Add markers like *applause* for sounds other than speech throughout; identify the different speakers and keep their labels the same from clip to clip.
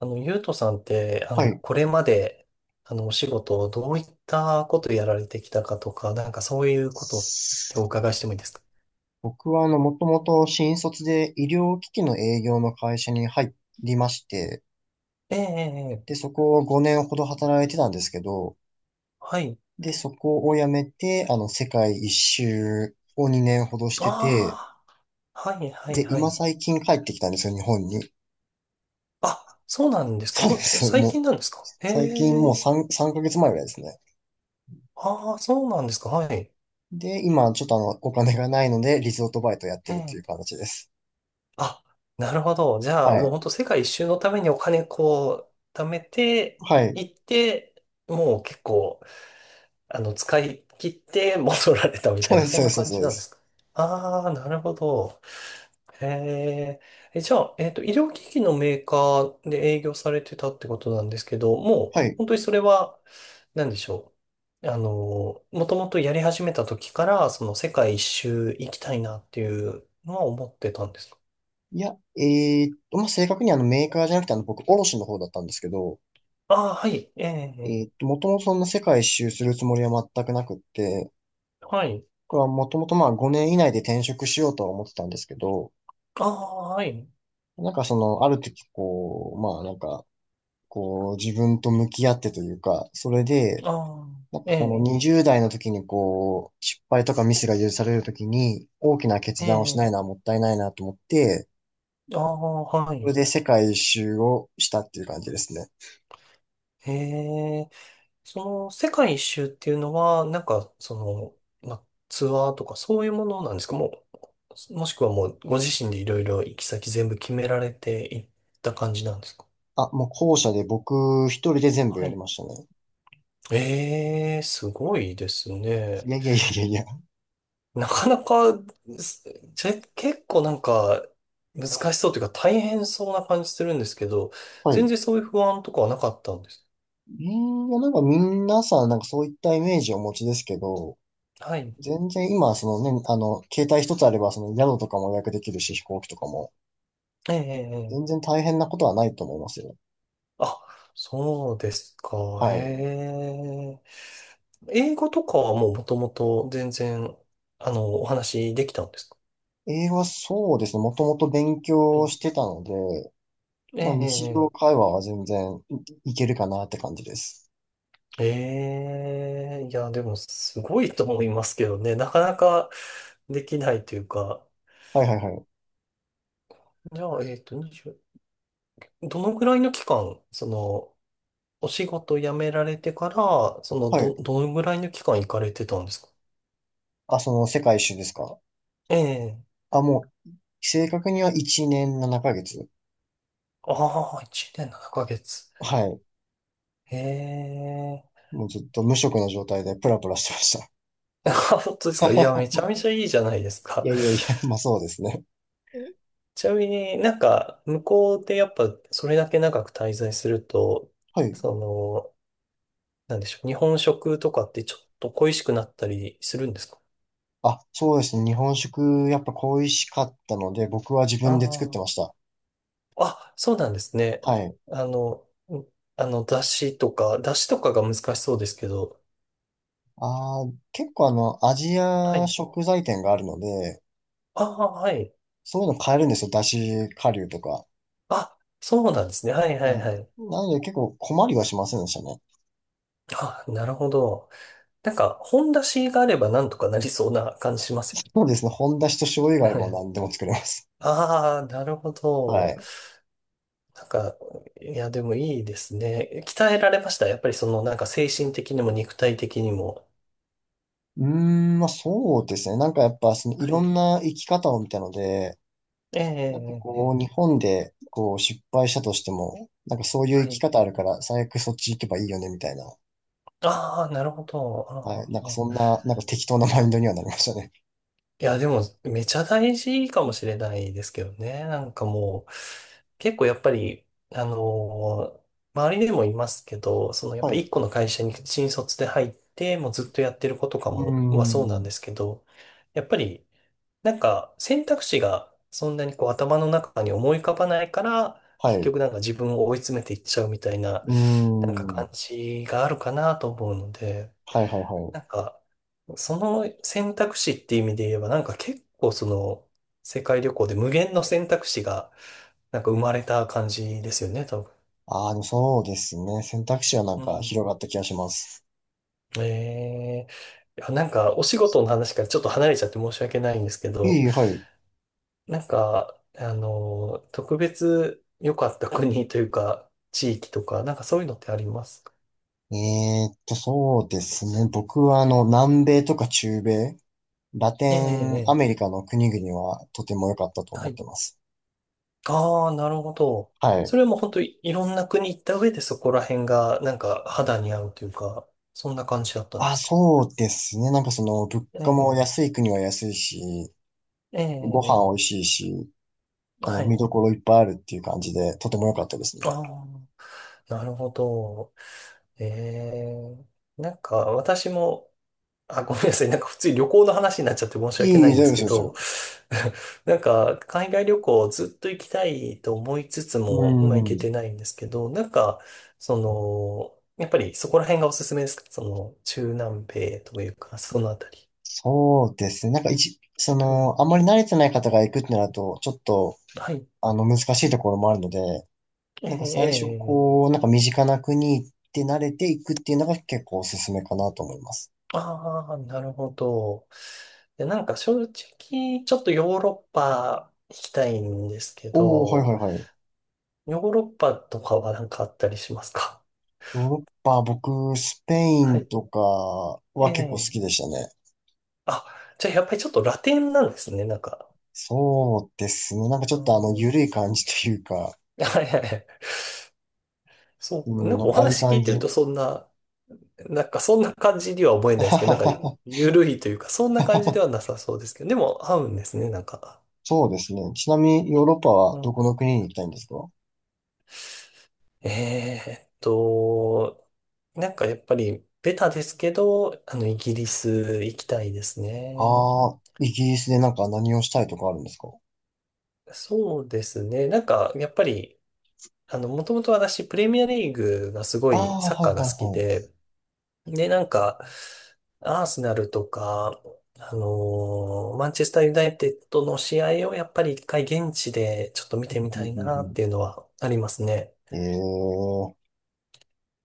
Speaker 1: ゆうとさんって、
Speaker 2: はい。
Speaker 1: これまで、お仕事をどういったことやられてきたかとか、なんかそういうことってお伺いしてもいいですか？
Speaker 2: 僕は、もともと新卒で医療機器の営業の会社に入りまして、
Speaker 1: ええ、えええ
Speaker 2: で、
Speaker 1: え、
Speaker 2: そこを5年ほど働いてたんですけど、
Speaker 1: はい。
Speaker 2: で、そこを辞めて、世界一周を2年ほどしてて、
Speaker 1: ああ、はい、はい、
Speaker 2: で、
Speaker 1: は
Speaker 2: 今
Speaker 1: い。
Speaker 2: 最近帰ってきたんですよ、日本に。
Speaker 1: あ、そうなんですか？
Speaker 2: そうで
Speaker 1: もう、
Speaker 2: す。
Speaker 1: 最
Speaker 2: もう、
Speaker 1: 近なんですか？え
Speaker 2: 最近もう
Speaker 1: え、
Speaker 2: 3ヶ月前ぐらいですね。
Speaker 1: ああ、そうなんですか。はい。
Speaker 2: で、今、ちょっとお金がないので、リゾートバイトやっ
Speaker 1: え
Speaker 2: てるっていう
Speaker 1: え。
Speaker 2: 形です。
Speaker 1: あ、なるほど。じゃ
Speaker 2: は
Speaker 1: あ、もう本
Speaker 2: い。
Speaker 1: 当世界一周のためにお金こう、貯めて、
Speaker 2: はい。
Speaker 1: 行って、もう結構、使い切って戻られたみた
Speaker 2: そ
Speaker 1: い
Speaker 2: うで
Speaker 1: な、
Speaker 2: す、
Speaker 1: そ
Speaker 2: そ
Speaker 1: ん
Speaker 2: うで
Speaker 1: な
Speaker 2: す、
Speaker 1: 感
Speaker 2: そう
Speaker 1: じ
Speaker 2: で
Speaker 1: なんで
Speaker 2: す。
Speaker 1: すか？ああー、なるほど。へえ。え、じゃあ、医療機器のメーカーで営業されてたってことなんですけど、もう、
Speaker 2: はい。
Speaker 1: 本当にそれは、なんでしょう。もともとやり始めた時から、その世界一周行きたいなっていうのは思ってたんですか？
Speaker 2: いや、まあ、正確にメーカーじゃなくて僕、卸の方だったんですけど、
Speaker 1: ああー、はい。ええ、
Speaker 2: もともとそんな世界一周するつもりは全くなくって、
Speaker 1: はい。
Speaker 2: これはもともとまあ5年以内で転職しようとは思ってたんですけど、
Speaker 1: ああ、はい。
Speaker 2: なんかその、ある時こう、まあなんか、こう自分と向き合ってというか、それで、
Speaker 1: ああ、
Speaker 2: なんか
Speaker 1: え
Speaker 2: この
Speaker 1: え、
Speaker 2: 20代の時にこう、失敗とかミスが許される時に、大きな決
Speaker 1: え
Speaker 2: 断をし
Speaker 1: え、
Speaker 2: ないのはもったいないなと思って、
Speaker 1: ああ、は
Speaker 2: それ
Speaker 1: い。
Speaker 2: で世界一周をしたっていう感じですね。
Speaker 1: へえ。その世界一周っていうのは、なんか、その、ま、ツアーとかそういうものなんですか？もう、もしくはもうご自身でいろいろ行き先全部決められていった感じなんですか？
Speaker 2: あ、もう校舎で僕一人で全部
Speaker 1: は
Speaker 2: やり
Speaker 1: い。
Speaker 2: ましたね。
Speaker 1: ええ、すごいです
Speaker 2: い
Speaker 1: ね。
Speaker 2: やいやいやいやいや。
Speaker 1: なかなか、すちょ結構なんか難しそうというか大変そうな感じするんですけど、
Speaker 2: はい。
Speaker 1: 全然そういう不安とかはなかったんです。
Speaker 2: いや、なんか皆さんなんかそういったイメージをお持ちですけど、
Speaker 1: はい。
Speaker 2: 全然今、そのね、携帯一つあれば、その宿とかも予約できるし、飛行機とかも、
Speaker 1: ええ、ええ
Speaker 2: 全
Speaker 1: ええ、
Speaker 2: 然大変なことはないと思いますよ。
Speaker 1: あ、そうですか。へ
Speaker 2: はい。
Speaker 1: え。英語とかはもうもともと全然、お話できたんですか？
Speaker 2: 英語はそうですね、もともと勉
Speaker 1: は
Speaker 2: 強
Speaker 1: い。
Speaker 2: してたので、
Speaker 1: え
Speaker 2: まあ日常
Speaker 1: え、
Speaker 2: 会話は全然いけるかなって感じです。
Speaker 1: ええ、ええ、いや、でもすごいと思いますけどね。なかなかできないというか。
Speaker 2: はいはいはい。
Speaker 1: じゃあ、20、どのぐらいの期間、その、お仕事辞められてから、その、
Speaker 2: はい。
Speaker 1: どのぐらいの期間行かれてたんですか？
Speaker 2: あ、その世界一周ですか？
Speaker 1: ええ。
Speaker 2: あ、もう、正確には1年7ヶ月。
Speaker 1: ああ、1年7ヶ月。
Speaker 2: はい。
Speaker 1: ええ。
Speaker 2: もうずっと無職の状態でプラプラしてました。
Speaker 1: *laughs* あ、本当ですか？いや、めちゃめちゃいいじゃないです
Speaker 2: い
Speaker 1: か。
Speaker 2: やいやいや、*laughs* まあそうですね。
Speaker 1: ちなみになんか、向こうでやっぱそれだけ長く滞在すると、
Speaker 2: はい。
Speaker 1: その、なんでしょう、日本食とかってちょっと恋しくなったりするんですか？
Speaker 2: あ、そうですね。日本食、やっぱ恋しかったので、僕は自分
Speaker 1: あ
Speaker 2: で作ってました。
Speaker 1: あ。あ、そうなんですね。
Speaker 2: はい。
Speaker 1: あの、んだしとかが難しそうですけど。
Speaker 2: あー、結構アジ
Speaker 1: は
Speaker 2: ア
Speaker 1: い。
Speaker 2: 食材店があるので、
Speaker 1: ああ、はい。
Speaker 2: そういうの買えるんですよ。だし顆粒とか。
Speaker 1: あ、そうなんですね。はいはい
Speaker 2: は
Speaker 1: はい。
Speaker 2: い。なので結構困りはしませんでしたね。
Speaker 1: あ、なるほど。なんか、本だしがあればなんとかなりそうな感じします
Speaker 2: そうですね。本だしと醤油があ
Speaker 1: よ
Speaker 2: れば
Speaker 1: ね。
Speaker 2: 何
Speaker 1: *laughs*
Speaker 2: でも作れます。
Speaker 1: ああ、なるほ
Speaker 2: は
Speaker 1: ど。
Speaker 2: い。
Speaker 1: なんか、いや、でもいいですね。鍛えられました。やっぱりその、なんか精神的にも肉体的にも。
Speaker 2: うーん、まあそうですね。なんかやっぱ、そのい
Speaker 1: は
Speaker 2: ろ
Speaker 1: い。
Speaker 2: んな生き方を見たので、
Speaker 1: ええ、
Speaker 2: なんか
Speaker 1: ええ、え
Speaker 2: こう、日
Speaker 1: え、
Speaker 2: 本でこう失敗したとしても、なんかそういう生
Speaker 1: は
Speaker 2: き
Speaker 1: い。
Speaker 2: 方あるから、最悪そっち行けばいいよね、みたいな。
Speaker 1: ああ、なるほど。
Speaker 2: はい。
Speaker 1: あ
Speaker 2: なん
Speaker 1: ー
Speaker 2: か
Speaker 1: あ
Speaker 2: そん
Speaker 1: ー、
Speaker 2: な、なんか適当なマインドにはなりましたね。
Speaker 1: いや、でも、めちゃ大事かもしれないですけどね。なんかもう、結構やっぱり、あのー周りでもいますけど、その、やっ
Speaker 2: はい。
Speaker 1: ぱ
Speaker 2: う
Speaker 1: 一個の会社に新卒で入って、もうずっとやってる子とか
Speaker 2: ー
Speaker 1: も、はそうなんで
Speaker 2: ん。
Speaker 1: すけど、やっぱり、なんか選択肢がそんなにこう頭の中に思い浮かばないから、
Speaker 2: は
Speaker 1: 結
Speaker 2: い。う
Speaker 1: 局なんか自分を追い詰めていっちゃうみたいな、
Speaker 2: ー
Speaker 1: なんか感
Speaker 2: ん。
Speaker 1: じがあるかなと思うので、
Speaker 2: はいはいはい。
Speaker 1: なんか、その選択肢っていう意味で言えば、なんか結構その、世界旅行で無限の選択肢が、なんか生まれた感じですよね、多分。
Speaker 2: ああ、でもそうですね。選択肢はなん
Speaker 1: う
Speaker 2: か
Speaker 1: ん。
Speaker 2: 広がった気がします。
Speaker 1: ええ、いや、なんかお仕事の話からちょっと離れちゃって申し訳ないんですけど、
Speaker 2: はい。
Speaker 1: なんか、特別良かった国というか、*laughs* 地域とか、なんかそういうのってありますか？
Speaker 2: そうですね。僕は南米とか中米、ラテ
Speaker 1: ええ、ええ、
Speaker 2: ンア
Speaker 1: え
Speaker 2: メリ
Speaker 1: え、
Speaker 2: カの国々はとても良かったと
Speaker 1: は
Speaker 2: 思っ
Speaker 1: い。
Speaker 2: てます。
Speaker 1: ああ、なるほど。
Speaker 2: はい。
Speaker 1: それも本当いろんな国行った上でそこら辺が、なんか肌に合うというか、そんな感じだったんで
Speaker 2: あ、
Speaker 1: すか？
Speaker 2: そうですね。なんかその、物
Speaker 1: え
Speaker 2: 価も
Speaker 1: え、
Speaker 2: 安い国は安いし、
Speaker 1: ええ、
Speaker 2: ご
Speaker 1: え
Speaker 2: 飯
Speaker 1: え、
Speaker 2: 美味しいし、
Speaker 1: は
Speaker 2: 見
Speaker 1: い。
Speaker 2: どころいっぱいあるっていう感じで、とても良かったですね。
Speaker 1: ああ、なるほど。ええ、なんか私も、あ、ごめんなさい。なんか普通に旅行の話になっちゃって申し訳な
Speaker 2: 大
Speaker 1: いんで
Speaker 2: 丈夫
Speaker 1: す
Speaker 2: で
Speaker 1: け
Speaker 2: す、大丈夫
Speaker 1: ど、
Speaker 2: ですよ。
Speaker 1: *laughs* なんか海外旅行ずっと行きたいと思いつつ
Speaker 2: う
Speaker 1: も、まあ行け
Speaker 2: ん。
Speaker 1: てないんですけど、なんか、その、やっぱりそこら辺がおすすめですか？その、中南米というか、そのあたり。
Speaker 2: そうですね。なんかその、あんまり慣れてない方が行くってなると、ちょっと、
Speaker 1: はい。
Speaker 2: 難しいところもあるので、
Speaker 1: え
Speaker 2: なんか最初、
Speaker 1: えええ、
Speaker 2: こう、なんか身近な国行って慣れていくっていうのが結構おすすめかなと思います。
Speaker 1: ああー、なるほど。で、なんか正直、ちょっとヨーロッパ行きたいんですけ
Speaker 2: おー、はい
Speaker 1: ど、
Speaker 2: はいはい。
Speaker 1: ヨーロッパとかはなんかあったりしますか？
Speaker 2: ヨーロッパ、僕、スペイ
Speaker 1: は
Speaker 2: ン
Speaker 1: い。
Speaker 2: とか
Speaker 1: え
Speaker 2: は結構好
Speaker 1: え、
Speaker 2: きでしたね。
Speaker 1: あ、じゃあやっぱりちょっとラテンなんですね、なんか。
Speaker 2: そうですね。なんかち
Speaker 1: あ
Speaker 2: ょっとゆ
Speaker 1: ー
Speaker 2: るい感じというか、
Speaker 1: *laughs* はいはいはい。
Speaker 2: う
Speaker 1: そう、な
Speaker 2: ん、
Speaker 1: んか
Speaker 2: なん
Speaker 1: お
Speaker 2: かああいう
Speaker 1: 話聞
Speaker 2: 感
Speaker 1: いてる
Speaker 2: じ。
Speaker 1: とそんな、なんかそんな感じには思えないですけど、なんか
Speaker 2: *laughs*
Speaker 1: 緩いというか、そんな感じではなさそうですけど、でも合うんですね、なんか。
Speaker 2: そうですね。ちなみにヨーロッパ
Speaker 1: う
Speaker 2: はど
Speaker 1: ん、
Speaker 2: この国に行きたいんですか？
Speaker 1: えーっと、なんかやっぱりベタですけど、イギリス行きたいですね。
Speaker 2: ああー、イギリスでなんか何をしたいとかあるんですか？
Speaker 1: そうですね、なんかやっぱり、もともと私、プレミアリーグがすご
Speaker 2: あ
Speaker 1: い
Speaker 2: あ
Speaker 1: サッ
Speaker 2: ー、はい
Speaker 1: カーが
Speaker 2: は
Speaker 1: 好き
Speaker 2: いはい。
Speaker 1: で、で、なんか、アーセナルとか、マンチェスターユナイテッドの試合をやっぱり一回現地でちょっと見
Speaker 2: う
Speaker 1: てみ
Speaker 2: んう
Speaker 1: た
Speaker 2: ん
Speaker 1: い
Speaker 2: う
Speaker 1: なっ
Speaker 2: ん。
Speaker 1: ていうのはありますね。
Speaker 2: ええ。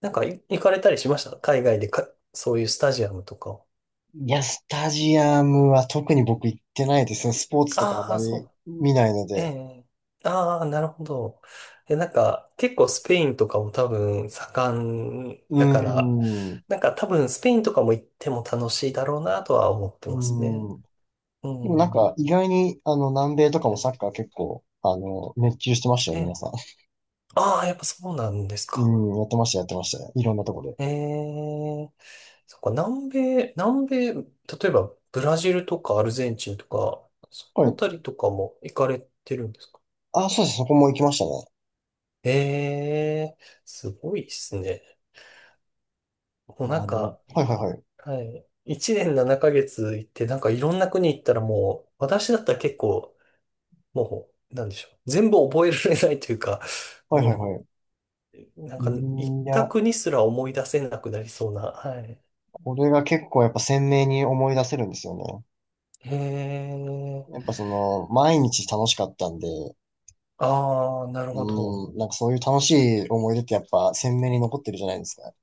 Speaker 1: なんか行かれたりしました海外でか、そういうスタジアムとかを。
Speaker 2: いや、スタジアムは特に僕行ってないですね。スポーツとかあ
Speaker 1: あ
Speaker 2: ま
Speaker 1: あ、そ
Speaker 2: り見ないの
Speaker 1: う。え
Speaker 2: で。
Speaker 1: え、ああ、なるほど。え、なんか、結構スペインとかも多分盛ん
Speaker 2: う
Speaker 1: だから、
Speaker 2: ーん。う
Speaker 1: なんか多分スペインとかも行っても楽しいだろうなとは思って
Speaker 2: ー
Speaker 1: ますね。
Speaker 2: ん。
Speaker 1: う
Speaker 2: でもなん
Speaker 1: ん。
Speaker 2: か意外に南米とかも
Speaker 1: え
Speaker 2: サッカー結構熱中してましたよ、
Speaker 1: え、
Speaker 2: 皆さん。
Speaker 1: ああ、やっぱそうなんですか？
Speaker 2: うん、やってました、やってましたね。いろんなとこで。
Speaker 1: ええ、そっか、南米、南米、例えばブラジルとかアルゼンチンとか、そ
Speaker 2: は
Speaker 1: のあ
Speaker 2: い。
Speaker 1: たりとかも行かれてるんですか？
Speaker 2: あ、そうです。そこも行きましたね。
Speaker 1: ええ、すごいですね。もう
Speaker 2: ま
Speaker 1: な
Speaker 2: あ、
Speaker 1: んか、
Speaker 2: はいはいはい。
Speaker 1: はい。一年7ヶ月行って、なんかいろんな国行ったらもう、私だったら結構、もう、なんでしょう。全部覚えられないというか、
Speaker 2: はいはい
Speaker 1: も
Speaker 2: はい。
Speaker 1: う、なんか行っ
Speaker 2: い
Speaker 1: た
Speaker 2: や、
Speaker 1: 国すら思い出せなくなりそうな、はい。
Speaker 2: これが結構やっぱ鮮明に思い出せるんですよね。
Speaker 1: へえ。
Speaker 2: やっぱその、毎日楽しかったんで、
Speaker 1: ああ、なるほど。
Speaker 2: うん、なんかそういう楽しい思い出ってやっぱ鮮明に残ってるじゃないですか。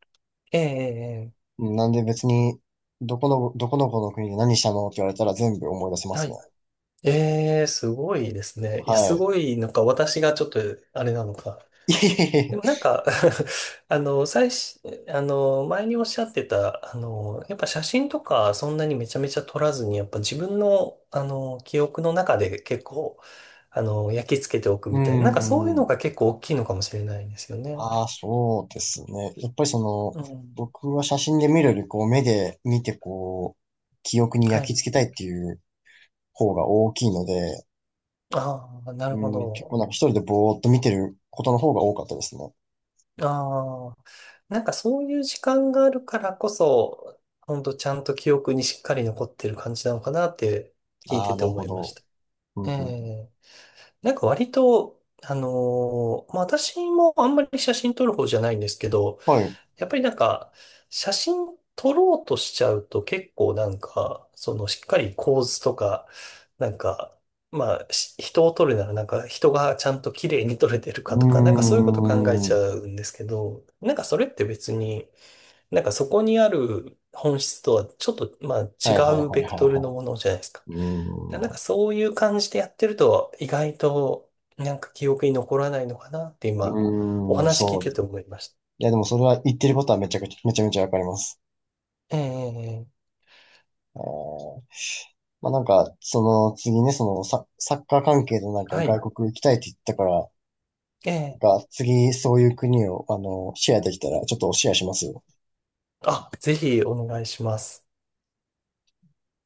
Speaker 1: ええ、ええ、え
Speaker 2: うん。なんで別に、どこのこの国で何したのって言われたら全部思い出せま
Speaker 1: え、は
Speaker 2: すね。
Speaker 1: い。ええ、すごいですね。いや、
Speaker 2: は
Speaker 1: す
Speaker 2: い。
Speaker 1: ごい、なんか私がちょっと、あれなのか。
Speaker 2: いえいえい
Speaker 1: で
Speaker 2: え。
Speaker 1: もなんか *laughs* 最初、前におっしゃってた、やっぱ写真とかそんなにめちゃめちゃ撮らずに、やっぱ自分の、記憶の中で結構、焼き付けておく
Speaker 2: う
Speaker 1: みたいな、なんかそういうの
Speaker 2: ん。
Speaker 1: が結構大きいのかもしれないですよね。
Speaker 2: ああ、そうですね。やっぱりその、
Speaker 1: うん。
Speaker 2: 僕は写真で見るより、こう、目で見て、こう、記憶に
Speaker 1: は
Speaker 2: 焼き
Speaker 1: い。
Speaker 2: 付けたいっていう方が大きいので、
Speaker 1: ああ、なるほ
Speaker 2: うん、結構
Speaker 1: ど。
Speaker 2: なんか一人でぼーっと見てることの方が多かったですね。
Speaker 1: ああ。なんかそういう時間があるからこそ、ほんとちゃんと記憶にしっかり残ってる感じなのかなって聞い
Speaker 2: あ
Speaker 1: て
Speaker 2: あ、
Speaker 1: て
Speaker 2: なる
Speaker 1: 思
Speaker 2: ほ
Speaker 1: いまし
Speaker 2: ど。
Speaker 1: た。
Speaker 2: うん
Speaker 1: え
Speaker 2: うん、
Speaker 1: え、なんか割と、まあ、私もあんまり写真撮る方じゃないんですけど、
Speaker 2: はい。う
Speaker 1: やっぱりなんか写真撮ろうとしちゃうと結構なんか、そのしっかり構図とか、なんか、まあ、人を撮るならなんか人がちゃんと綺麗に撮れてるかとか、なんかそう
Speaker 2: ー
Speaker 1: いうこと考えちゃ
Speaker 2: ん。
Speaker 1: うんですけど、なんかそれって別に、なんかそこにある本質とはちょっと、まあ、違
Speaker 2: はいはいは
Speaker 1: うベ
Speaker 2: い
Speaker 1: ク
Speaker 2: はい
Speaker 1: トルの
Speaker 2: は
Speaker 1: ものじゃないですか。だ
Speaker 2: い。う
Speaker 1: からなん
Speaker 2: ー
Speaker 1: か
Speaker 2: ん。
Speaker 1: そういう感じでやってると意外となんか記憶に残らないのかなって今お
Speaker 2: うーん、
Speaker 1: 話聞い
Speaker 2: そうで
Speaker 1: て
Speaker 2: す。
Speaker 1: て思いまし
Speaker 2: いや、でもそれは言ってることはめちゃめちゃわかります。
Speaker 1: た。ええ、ええ、
Speaker 2: えーまあなんか、その次ね、そのサッカー関係のなんか
Speaker 1: はい。
Speaker 2: 外国行きたいって言ったから、
Speaker 1: ええ、
Speaker 2: が次そういう国を、シェアできたら、ちょっとシェアしますよ。
Speaker 1: あ、ぜひお願いします。